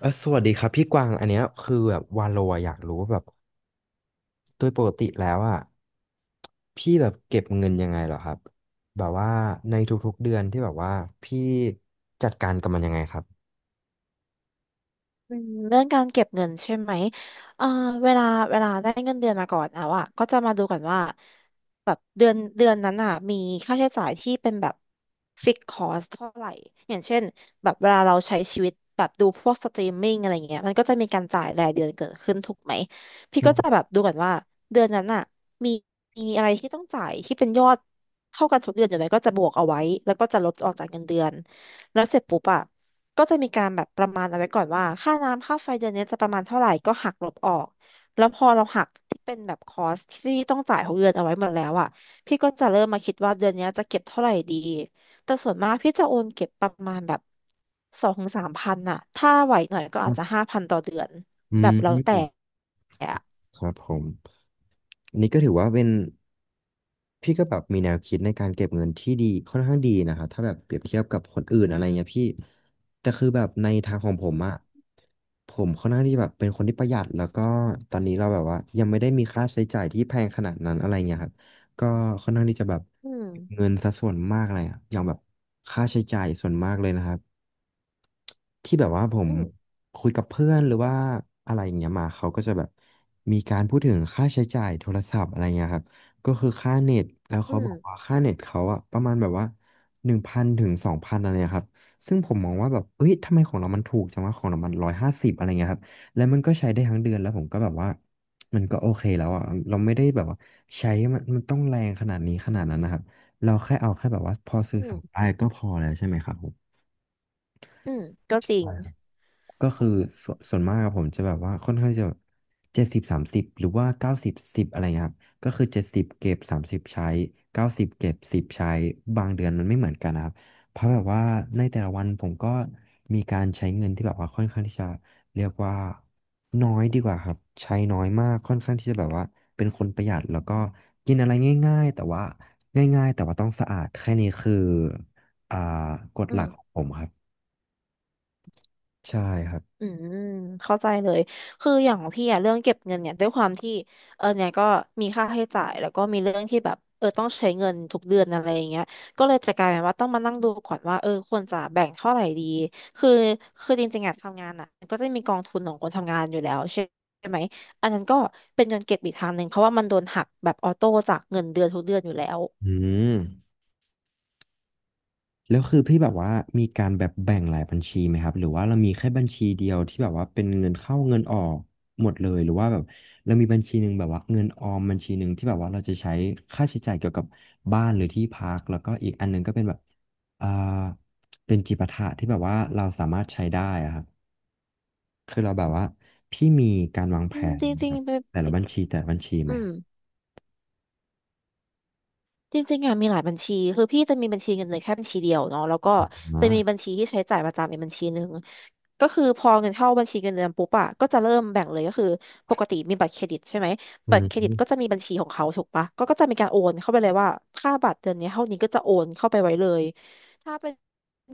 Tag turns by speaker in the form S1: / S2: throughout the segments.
S1: เออสวัสดีครับพี่กวางอันเนี้ยคือแบบวาโลอะอยากรู้ว่าแบบโดยปกติแล้วอ่ะพี่แบบเก็บเงินยังไงเหรอครับแบบว่าในทุกๆเดือนที่แบบว่าพี่จัดการกับมันยังไงครับ
S2: อืมเรื่องการเก็บเงินใช่ไหมเอ่อเวลาเวลาได้เงินเดือนมาก่อนแล้วอ่ะก็จะมาดูก่อนว่าแบบเดือนนั้นอ่ะมีค่าใช้จ่ายที่เป็นแบบฟิกคอสเท่าไหร่อย่างเช่นแบบเวลาเราใช้ชีวิตแบบดูพวกสตรีมมิ่งอะไรเงี้ยมันก็จะมีการจ่ายรายเดือนเกิดขึ้นถูกไหมพี่ก็จะ
S1: ใช่
S2: แบบดูก่อนว่าเดือนนั้นอ่ะมีมีอะไรที่ต้องจ่ายที่เป็นยอดเท่ากันทุกเดือนอยู่ไหมก็จะบวกเอาไว้แล้วก็จะลบออกจากเงินเดือนแล้วเสร็จปุ๊บอะ ก็จะมีการแบบประมาณเอาไว้ก่อนว่าค่าน้ำค่าไฟเดือนนี้จะประมาณเท่าไหร่ก็หักลบออกแล้วพอเราหักที่เป็นแบบคอสที่ต้องจ่ายของเดือนเอาไว้หมดแล้วอ่ะพี่ก็จะเริ่มมาคิดว่าเดือนนี้จะเก็บเท่าไหร่ดีแต่ส่วนมากพี่จะโอนเก็บประมาณแบบสองถึงสามพันอ่ะถ้าไหวหน่อยก็
S1: ค
S2: อา
S1: รั
S2: จจะ
S1: บ
S2: ห้าพันต่อเดือน
S1: อื
S2: แบบแล้วแต่
S1: ม
S2: อะ
S1: ครับผมอันนี้ก็ถือว่าเป็นพี่ก็แบบมีแนวคิดในการเก็บเงินที่ดีค่อนข้างดีนะครับถ้าแบบเปรียบเทียบกับคนอื่นอะไรเงี้ยพี่แต่คือแบบในทางของผมอะผมค่อนข้างที่แบบเป็นคนที่ประหยัดแล้วก็ตอนนี้เราแบบว่ายังไม่ได้มีค่าใช้จ่ายที่แพงขนาดนั้นอะไรเงี้ยครับ ก็ค่อนข้างที่จะแบบ
S2: อืม
S1: เงินสัดส่วนมากเลยอะอย่างแบบค่าใช้จ่ายส่วนมากเลยนะครับที่แบบว่าผม
S2: อืม
S1: คุยกับเพื่อนหรือว่าอะไรอย่างเงี้ยมาเขาก็จะแบบมีการพูดถึงค่าใช้จ่ายโทรศัพท์อะไรเงี้ยครับก็คือค่าเน็ตแล้ว
S2: อื
S1: เขา
S2: ม
S1: บอกว่าค่าเน็ตเขาอะประมาณแบบว่า1,000ถึง2,000อะไรเงี้ยครับซึ่งผมมองว่าแบบเอ้ยทำไมของเรามันถูกจังวะของเรามัน150อะไรเงี้ยครับแล้วมันก็ใช้ได้ทั้งเดือนแล้วผมก็แบบว่า มันก็โอเคแล้วอ่ะเราไม่ได้แบบว่าใช้มันต้องแรงขนาดนี้ขนาดนั้นนะครับเราแค่เอาแค่แบบว่าพอสื่
S2: อื
S1: อสารได้
S2: ม
S1: ก็พอแล้วใช่ไหมครับผม
S2: อืมก็จริง
S1: ก็คือส่วนมากอะผมจะแบบว่าค่อนข้างจะ70/30หรือว่า90/10อะไรเงี้ยครับก็คือเจ็ดสิบเก็บสามสิบใช้เก้าสิบเก็บสิบใช้บางเดือนมันไม่เหมือนกันนะครับเพราะแบบว่าในแต่ละวันผมก็มีการใช้เงินที่แบบว่าค่อนข้างที่จะเรียกว่าน้อยดีกว่าครับใช้น้อยมากค่อนข้างที่จะแบบว่าเป็นคนประหยัดแล้วก็กินอะไรง่ายๆแต่ว่าง่ายๆแต่ว่าต้องสะอาดแค่นี้คืออ่ากฎ
S2: อื
S1: หลักของ
S2: ม
S1: ผมครับใช่ครับ
S2: อืมเข้าใจเลยคืออย่างของพี่อะเรื่องเก็บเงินเนี่ยด้วยความที่เออเนี่ยก็มีค่าใช้จ่ายแล้วก็มีเรื่องที่แบบเออต้องใช้เงินทุกเดือนอะไรอย่างเงี้ยก็เลยจะกลายเป็นว่าต้องมานั่งดูก่อนว่าเออควรจะแบ่งเท่าไหร่ดีคือคือจริงๆอะทำงานอะก็จะมีกองทุนของคนทำงานอยู่แล้วใช่ไหมอันนั้นก็เป็นเงินเก็บอีกทางหนึ่งเพราะว่ามันโดนหักแบบออโต้จากเงินเดือนทุกเดือนอยู่แล้ว
S1: อืม แล้วคือพี่แบบว่ามีการแบบแบ่งหลายบัญชีไหมครับหรือว่าเรามีแค่บัญชีเดียวที่แบบว่าเป็นเงินเข้าเงินออกหมดเลยหรือว่าแบบเรามีบัญชีหนึ่งแบบว่าเงินออมบัญชีหนึ่งที่แบบว่าเราจะใช้ค่าใช้จ่ายเกี่ยวกับบ้านหรือที่พักแล้วก็อีกอันหนึงก็เป็นแบบอ่าเป็นจิปาถะที่แบบว่าเราสามารถใช้ได้อะครับคือเราแบบว่าพี่มีการวางแผ
S2: อืม
S1: น
S2: จริ
S1: ค
S2: ง
S1: รับ
S2: ๆเป็
S1: แต่ละ
S2: น
S1: บัญชีแต่ละบัญชีไหม
S2: อื
S1: ค
S2: ม
S1: รับ
S2: จริงๆอะมีหลายบัญชีคือพี่จะมีบัญชีเงินเดือนแค่บัญชีเดียวเนาะแล้วก็
S1: อ๋อ
S2: จะมีบัญชีที่ใช้จ่ายประจำอีกบัญชีหนึ่งก็คือพอเงินเข้าบัญชีเงินเดือนปุ๊บอะก็จะเริ่มแบ่งเลยก็คือปกติมีบัตรเครดิตใช่ไหม
S1: อื
S2: บัตรเครดิตก็
S1: ม
S2: จะมีบัญชีของเขาถูกปะก็จะมีการโอนเข้าไปเลยว่าค่าบัตรเดือนนี้เท่านี้ก็จะโอนเข้าไปไว้เลยถ้าเป็น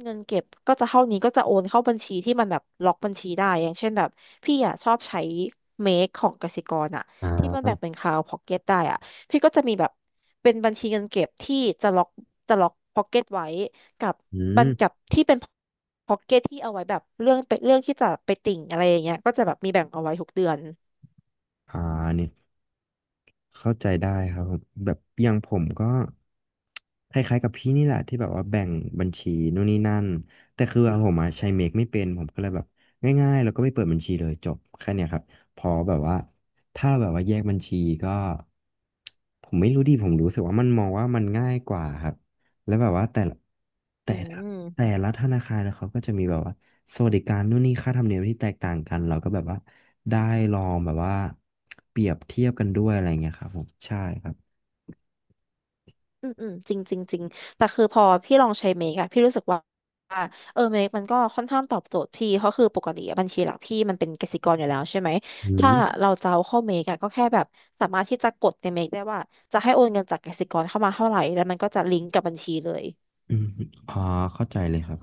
S2: เงินเก็บก็จะเท่านี้ก็จะโอนเข้าบัญชีที่มันแบบล็อกบัญชีได้อย่างเช่นแบบพี่อะชอบใช้เมคของกสิกรอะ
S1: อ่
S2: ที่มันแบ่ง
S1: า
S2: เป็นคลาวพ็อกเก็ตได้อะ พี่ก็จะมีแบบเป็นบัญชีเงินเก็บที่จะล็อกจะล็อกพ็อกเก็ตไว้กับ
S1: อื
S2: บั
S1: ม
S2: ญกับที่เป็นพ็อกเก็ตที่เอาไว้แบบเรื่องที่จะไปติ่งอะไรอย่างเงี้ยก็จะแบบมีแบ่งเอาไว้ทุกเดือน
S1: อ่าเนี่ย เข้าใจได้ครับผมแบบอย่างผมก็คล้ายๆกับพี่นี่แหละที่แบบว่าแบ่งบัญชีนู่นนี่นั่นแต่คืออะผมอะใช้เมคไม่เป็นผมก็เลยแบบง่ายๆแล้วก็ไม่เปิดบัญชีเลยจบแค่เนี้ยครับพอแบบว่าถ้าแบบว่าแยกบัญชีก็ผมไม่รู้ดิผมรู้สึกว่ามันมองว่ามันง่ายกว่าครับแล้วแบบว่าแต่
S2: อื
S1: ละ แต่
S2: ม
S1: ละธนาคารนะเขาก็จะมีแบบว่าสวัสดิการนู่นนี่ค่าธรรมเนียมที่แตกต่างกันเราก็แบบว่าได้ลองแบบว่าเปรียบเทียบกันด้วยอะไรเงี้ยครับผมใช่ครับ
S2: อืมอืมจริงจริงจริงแต่คือพอพี่ลองใช้เมกอะพี่รู้สึกว่าเออเมกมันก็ค่อนข้างตอบโจทย์พี่เพราะคือปกติอะบัญชีหลักพี่มันเป็นกสิกรอยู่แล้วใช่ไหม
S1: อื
S2: ถ้า
S1: ม
S2: เราจะเอาเข้าเมกอะก็แค่แบบสามารถที่จะกดในเมกได้ว่าจะให้โอนเงินจากกสิกรเข้ามาเท่าไหร่แล้วมันก็จะลิงก์กับบัญชีเลย
S1: อืมอ๋อเข้าใจเลยครับ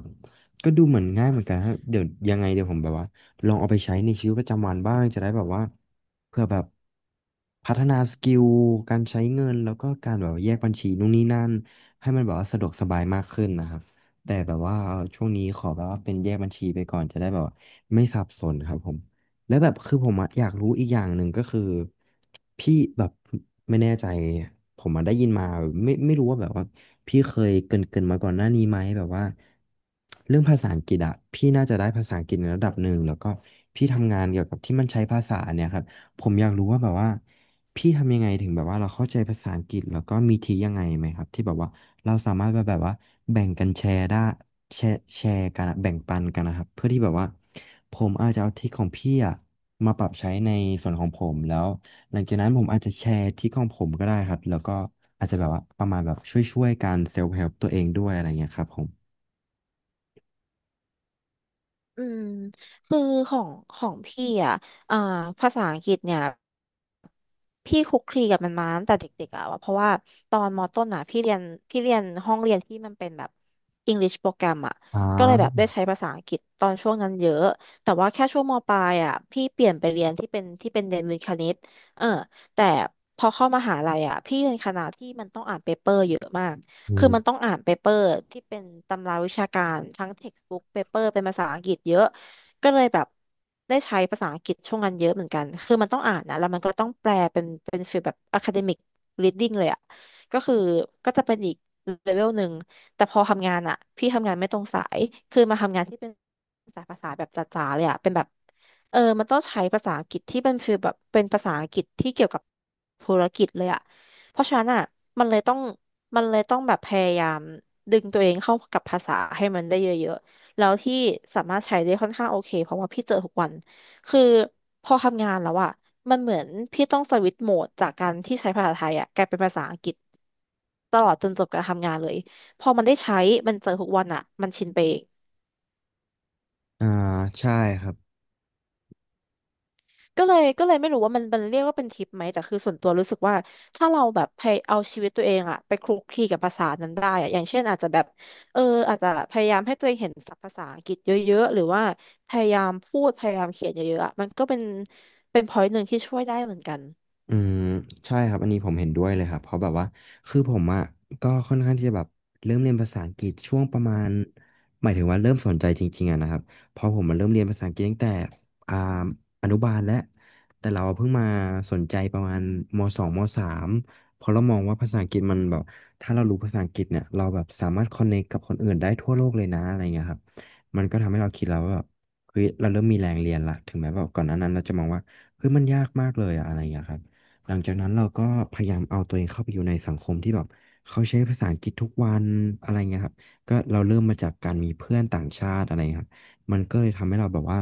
S1: ก็ดูเหมือนง่ายเหมือนกันฮะเดี๋ยวยังไงเดี๋ยวผมแบบว่าลองเอาไปใช้ในชีวิตประจำวันบ้างจะได้แบบว่าเพื่อแบบพัฒนาสกิลการใช้เงินแล้วก็การแบบว่าแยกบัญชีนู่นนี่นั่นให้มันแบบว่าสะดวกสบายมากขึ้นนะครับแต่แบบว่าช่วงนี้ขอแบบว่าเป็นแยกบัญชีไปก่อนจะได้แบบว่าไม่สับสนครับผม แล้วแบบคือผมอะอยากรู้อีกอย่างหนึ่งก็คือพี่แบบไม่แน่ใจผมมาได้ยินมาไม่รู้ว่าแบบว่าพี่เคยเกรินมาก่อนหน้านี้ไหมแบบว่าเรื่องภาษาอังกฤษอะพี่น่าจะได้ภาษาอังกฤษในระดับหนึ่งแล้วก็พี่ทำงานเกี่ยวกับที่มันใช้ภาษาเนี่ยครับผมอยากรู้ว่าแบบว่าพี่ทำยังไงถึงแบบว่าเราเข้าใจภาษาอังกฤษแล้วก็มีทียังไงไหมครับที่แบบว่า เราสามารถแบบว่าแบ่งกันแชร์ได้แชร์กันอะแบ่งปันกันนะครับเพื่อที่แบบว่าผมอาจจะเอาทริคของพี่อะมาปรับใช้ในส่วนของผมแล้วหลังจากนั้นผมอาจจะแชร์ทริคของผมก็ได้ครับแล้วก็อาจจะแบบว่าประมาณแบบช่วยๆกันเซลฟ์เฮล์ตัวเองด้วยอะไรเงี้ยครับผม
S2: อืมคือของพี่อ่ะอ่าภาษาอังกฤษเนี่ยพี่คลุกคลีกับมันมาตั้งแต่เด็กๆอ่ะเพราะว่าตอนมต้นอ่ะพี่เรียนห้องเรียนที่มันเป็นแบบ English โปรแกรมอ่ะ
S1: อ่
S2: ก็เลยแบบ
S1: า
S2: ได้ใช้ภาษาอังกฤษตอนช่วงนั้นเยอะแต่ว่าแค่ช่วงมปลายอ่ะพี่เปลี่ยนไปเรียนที่เป็นเรียนวิทย์คณิตเออแต่พอเข้ามหาลัยอ่ะพี่เรียนคณะที่มันต้องอ่านเปเปอร์เยอะมาก
S1: อื
S2: คือ
S1: ม
S2: มันต้องอ่านเปเปอร์ที่เป็นตำราวิชาการทั้งเท็กซ์บุ๊กเปเปอร์เป็นภาษาอังกฤษเยอะก็เลยแบบได้ใช้ภาษาอังกฤษช่วงนั้นเยอะเหมือนกันคือมันต้องอ่านนะแล้วมันก็ต้องแปลเป็นฟีลแบบ academic reading เลยอะก็คือก็จะเป็นอีกเลเวลหนึ่งแต่พอทำงานอะพี่ทำงานไม่ตรงสายคือมาทำงานที่เป็นสายภาษาแบบจ๋าๆเลยอะเป็นแบบเออมันต้องใช้ภาษาอังกฤษที่เป็นฟีลแบบเป็นภาษาอังกฤษที่เกี่ยวกับธุรกิจเลยอะ เพราะฉะนั้นอ่ะมันเลยต้องมันเลยต้องแบบพยายามดึงตัวเองเข้ากับภาษาให้มันได้เยอะๆแล้วที่สามารถใช้ได้ค่อนข้างโอเคเพราะว่าพี่เจอทุกวันคือพอทำงานแล้วอ่ะมันเหมือนพี่ต้องสวิตช์โหมดจากการที่ใช้ภาษาไทยอ่ะกลายเป็นภาษาอังกฤษตลอดจนจบการทำงานเลยพอมันได้ใช้มันเจอทุกวันอ่ะมันชินไป
S1: อ่าใช่ครับ
S2: ก็เลยไม่รู้ว่ามันเรียกว่าเป็นทิปไหมแต่คือส่วนตัวรู้สึกว่าถ้าเราแบบพยเอาชีวิตตัวเองอะไปคลุกคลีกับภาษานั้นได้อะอย่างเช่นอาจจะแบบเอออาจจะพยายามให้ตัวเองเห็นศัพท์ภาษาอังกฤษเยอะๆหรือว่าพยายามพูดพยายามเขียนเยอะๆอะมันก็เป็น p อย n ์หนึ่งที่ช่วยได้เหมือนกัน
S1: อืมใช่ครับอันนี้ผมเห็นด้วยเลยครับเพราะแบบว่าคือผมอ่ะก็ค่อนข้างที่จะแบบเริ่มเรียนภาษาอังกฤษช่วงประมาณหมายถึงว่าเริ่มสนใจจริงๆอะนะครับเพราะผมมาเริ่มเรียนภาษาอังกฤษตั้งแต่อ่าอนุบาลแล้วแต่เราเพิ่งมาสนใจประมาณมสองมสามเพราะเรามองว่าภาษาอังกฤษมันแบบถ้าเรารู้ภาษาอังกฤษเนี่ยเราแบบสามารถคอนเนคกับคนอื่นได้ทั่วโลกเลยนะอะไรเงี้ยครับมันก็ทำให้เราคิดแล้วว่าแบบเฮ้ยเราเริ่มมีแรงเรียนละถึงแม้แบบก่อนหน้านั้นเราจะมองว่าเฮ้ยมันยากมากเลยอะอะไรอย่างเงี้ยครับ หลังจากนั้นเราก็พยายามเอาตัวเองเข้าไปอยู่ในสังคมที่แบบเขาใช้ภาษาอังกฤษทุกวันอะไรเงี้ยครับก็เราเริ่มมาจากการมีเพื่อนต่างชาติอะไรเงี้ยครับมันก็เลยทำให้เราแบบว่า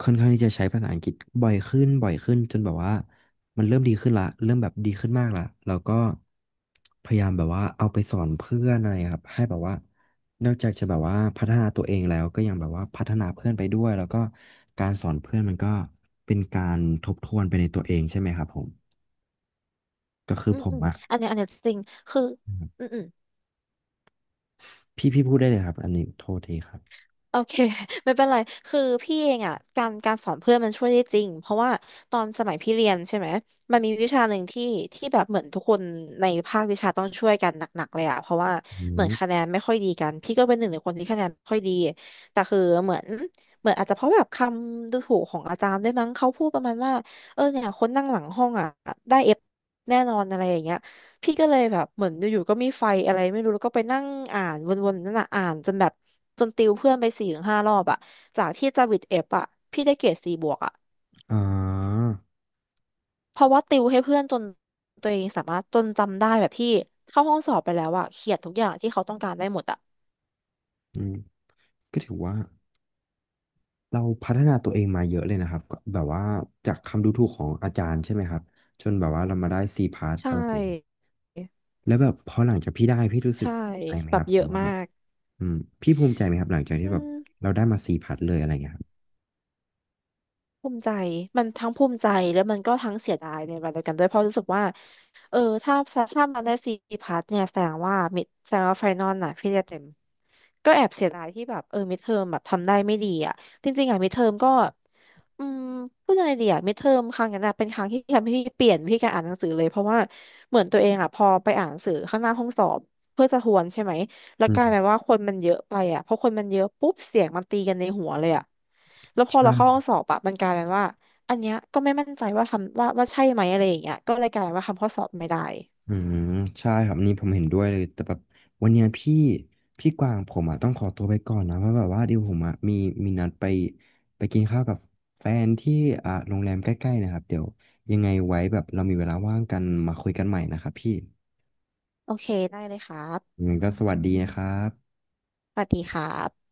S1: ค่อนข้างที่จะใช้ภาษาอังกฤษบ่อยขึ้นบ่อยขึ้นจนแบบว่ามันเริ่มดีขึ้นละเริ่มแบบดีขึ้นมากละแล้วก็พยายามแบบว่าเอาไปสอนเพื่อนอะไรครับให้แบบว่า นอกจากจะแบบว่าพัฒนาตัวเองแล้วก็ยังแบบว่าพัฒนาเพื่อนไปด้วยแล้วก็การสอนเพื่อนมันก็เป็นการทบทวนไปในตัวเองใช่ไหมครับผมก็คือ
S2: อืม
S1: ผม
S2: อืม
S1: อะ
S2: อันเนี้ยจริงคืออืมอืม
S1: พี่พูดได้เลยครับอันนี้โทษทีครับ
S2: โอเค ไม่เป็นไรคือพี่เองอ่ะการสอนเพื่อนมันช่วยได้จริงเพราะว่าตอนสมัยพี่เรียนใช่ไหมมันมีวิชาหนึ่งที่ที่แบบเหมือนทุกคนในภาควิชาต้องช่วยกันหนักๆเลยอ่ะเพราะว่า
S1: อื
S2: เหมือ
S1: ม
S2: นคะแนนไม่ค่อยดีกันพี่ก็เป็นหนึ่งในคนที่คะแนนไม่ค่อยดีแต่คือเหมือนอาจจะเพราะแบบคำดูถูกของอาจารย์ได้วยมั้งเขาพูดประมาณว่าเนี่ยคนนั่งหลังห้องอ่ะได้เอฟแน่นอนอะไรอย่างเงี้ย พี่ก็เลยแบบเหมือนอยู่ๆก็มีไฟอะไรไม่รู้แล้วก็ไปนั่งอ่านวนๆนั่นน่ะอ่านจนแบบจนติวเพื่อนไป4-5 รอบอะจากที่จะวิดเอฟอะพี่ได้เกรด 4+อะ
S1: อ่า
S2: เพราะว่าติวให้เพื่อนจนตัวเองสามารถจนจำได้แบบพี่เข้าห้องสอบไปแล้วอะเขียนทุกอย่างที่เขาต้องการได้หมดอะ
S1: อืมก็ถือว่าเราพัฒนาตัวเองมาเยอะเลยนะครับก็แบบว่าจากคำดูถูกของอาจารย์ใช่ไหมครับจนแบบว่าเรามาได้ซีพาร์ท
S2: ใช่
S1: อะไรอย่างนี้ยแล้วแบบพอหลังจากพี่ได้พี่รู้สึก
S2: ใช่
S1: ภูมิใจไหม
S2: แบ
S1: ค
S2: บ
S1: รับผ
S2: เย
S1: ม
S2: อะ
S1: ว่า
S2: มา
S1: แบบ
S2: ก
S1: อืมพี่ภูมิใจไหมครับหลังจากที่
S2: อื
S1: แบบ
S2: ม
S1: เราได้มาซีพาร์ทเลยอะไรเงี้ยครับ
S2: ภูมิใจมันทั้งภูมิใจแล้วมันก็ทั้งเสียดายในเวลาเดียวกันด้วยเพราะรู้สึกว่าเออถ้าถ้ามันได้ซีพัทเนี่ยแสดงว่ามิดแสดงว่าไฟนอลน่ะพี่จะเต็มก็แอบเสียดายที่แบบมิดเทอมแบบทำได้ไม่ดีอ่ะจริงๆอ่ะมิดเทอมก็อืมพูดยังไงดีอ่ะมิดเทอมครั้งนั้นน่ะเป็นครั้งที่ทำให้พี่เปลี่ยนการอ่านหนังสือเลยเพราะว่าเหมือนตัวเองอ่ะพอไปอ่านหนังสือข้างหน้าห้องสอบเพื่อจะทวนใช่ไหม แล้ว
S1: อื
S2: กลายเป็น
S1: ม
S2: ว่าคนมันเยอะไปอ่ะเพราะคนมันเยอะปุ๊บเสียงมันตีกันในหัวเลยอ่ะแล้วพอเราเข้าห้
S1: ใช่
S2: องสอบอะมันกลายเป็นว่าอันเนี้ยก็ไม่มั่นใจว่าทำว่าใช่ไหมอะไรอย่างเงี้ยก็เลยกลายเป็นว่าทำข้อสอบไม่ได้
S1: อืมใช่ครับนี่ผมเห็นด้วยเลยแต่แบบวันเนี้ยพี่กวางผมอ่ะต้องขอตัวไปก่อนนะเพราะแบบว่าเดี๋ยวผมอ่ะมีมีนัดไปกินข้าวกับแฟนที่โรงแรมใกล้ๆนะครับเดี๋ยวยังไงไว้แบบเรามีเวลาว่างกันมาคุยกันใหม่นะครับพี่
S2: โอเคได้เลยครับ
S1: ยังไงก็สวัสดีนะครับ
S2: สวัสดีครับ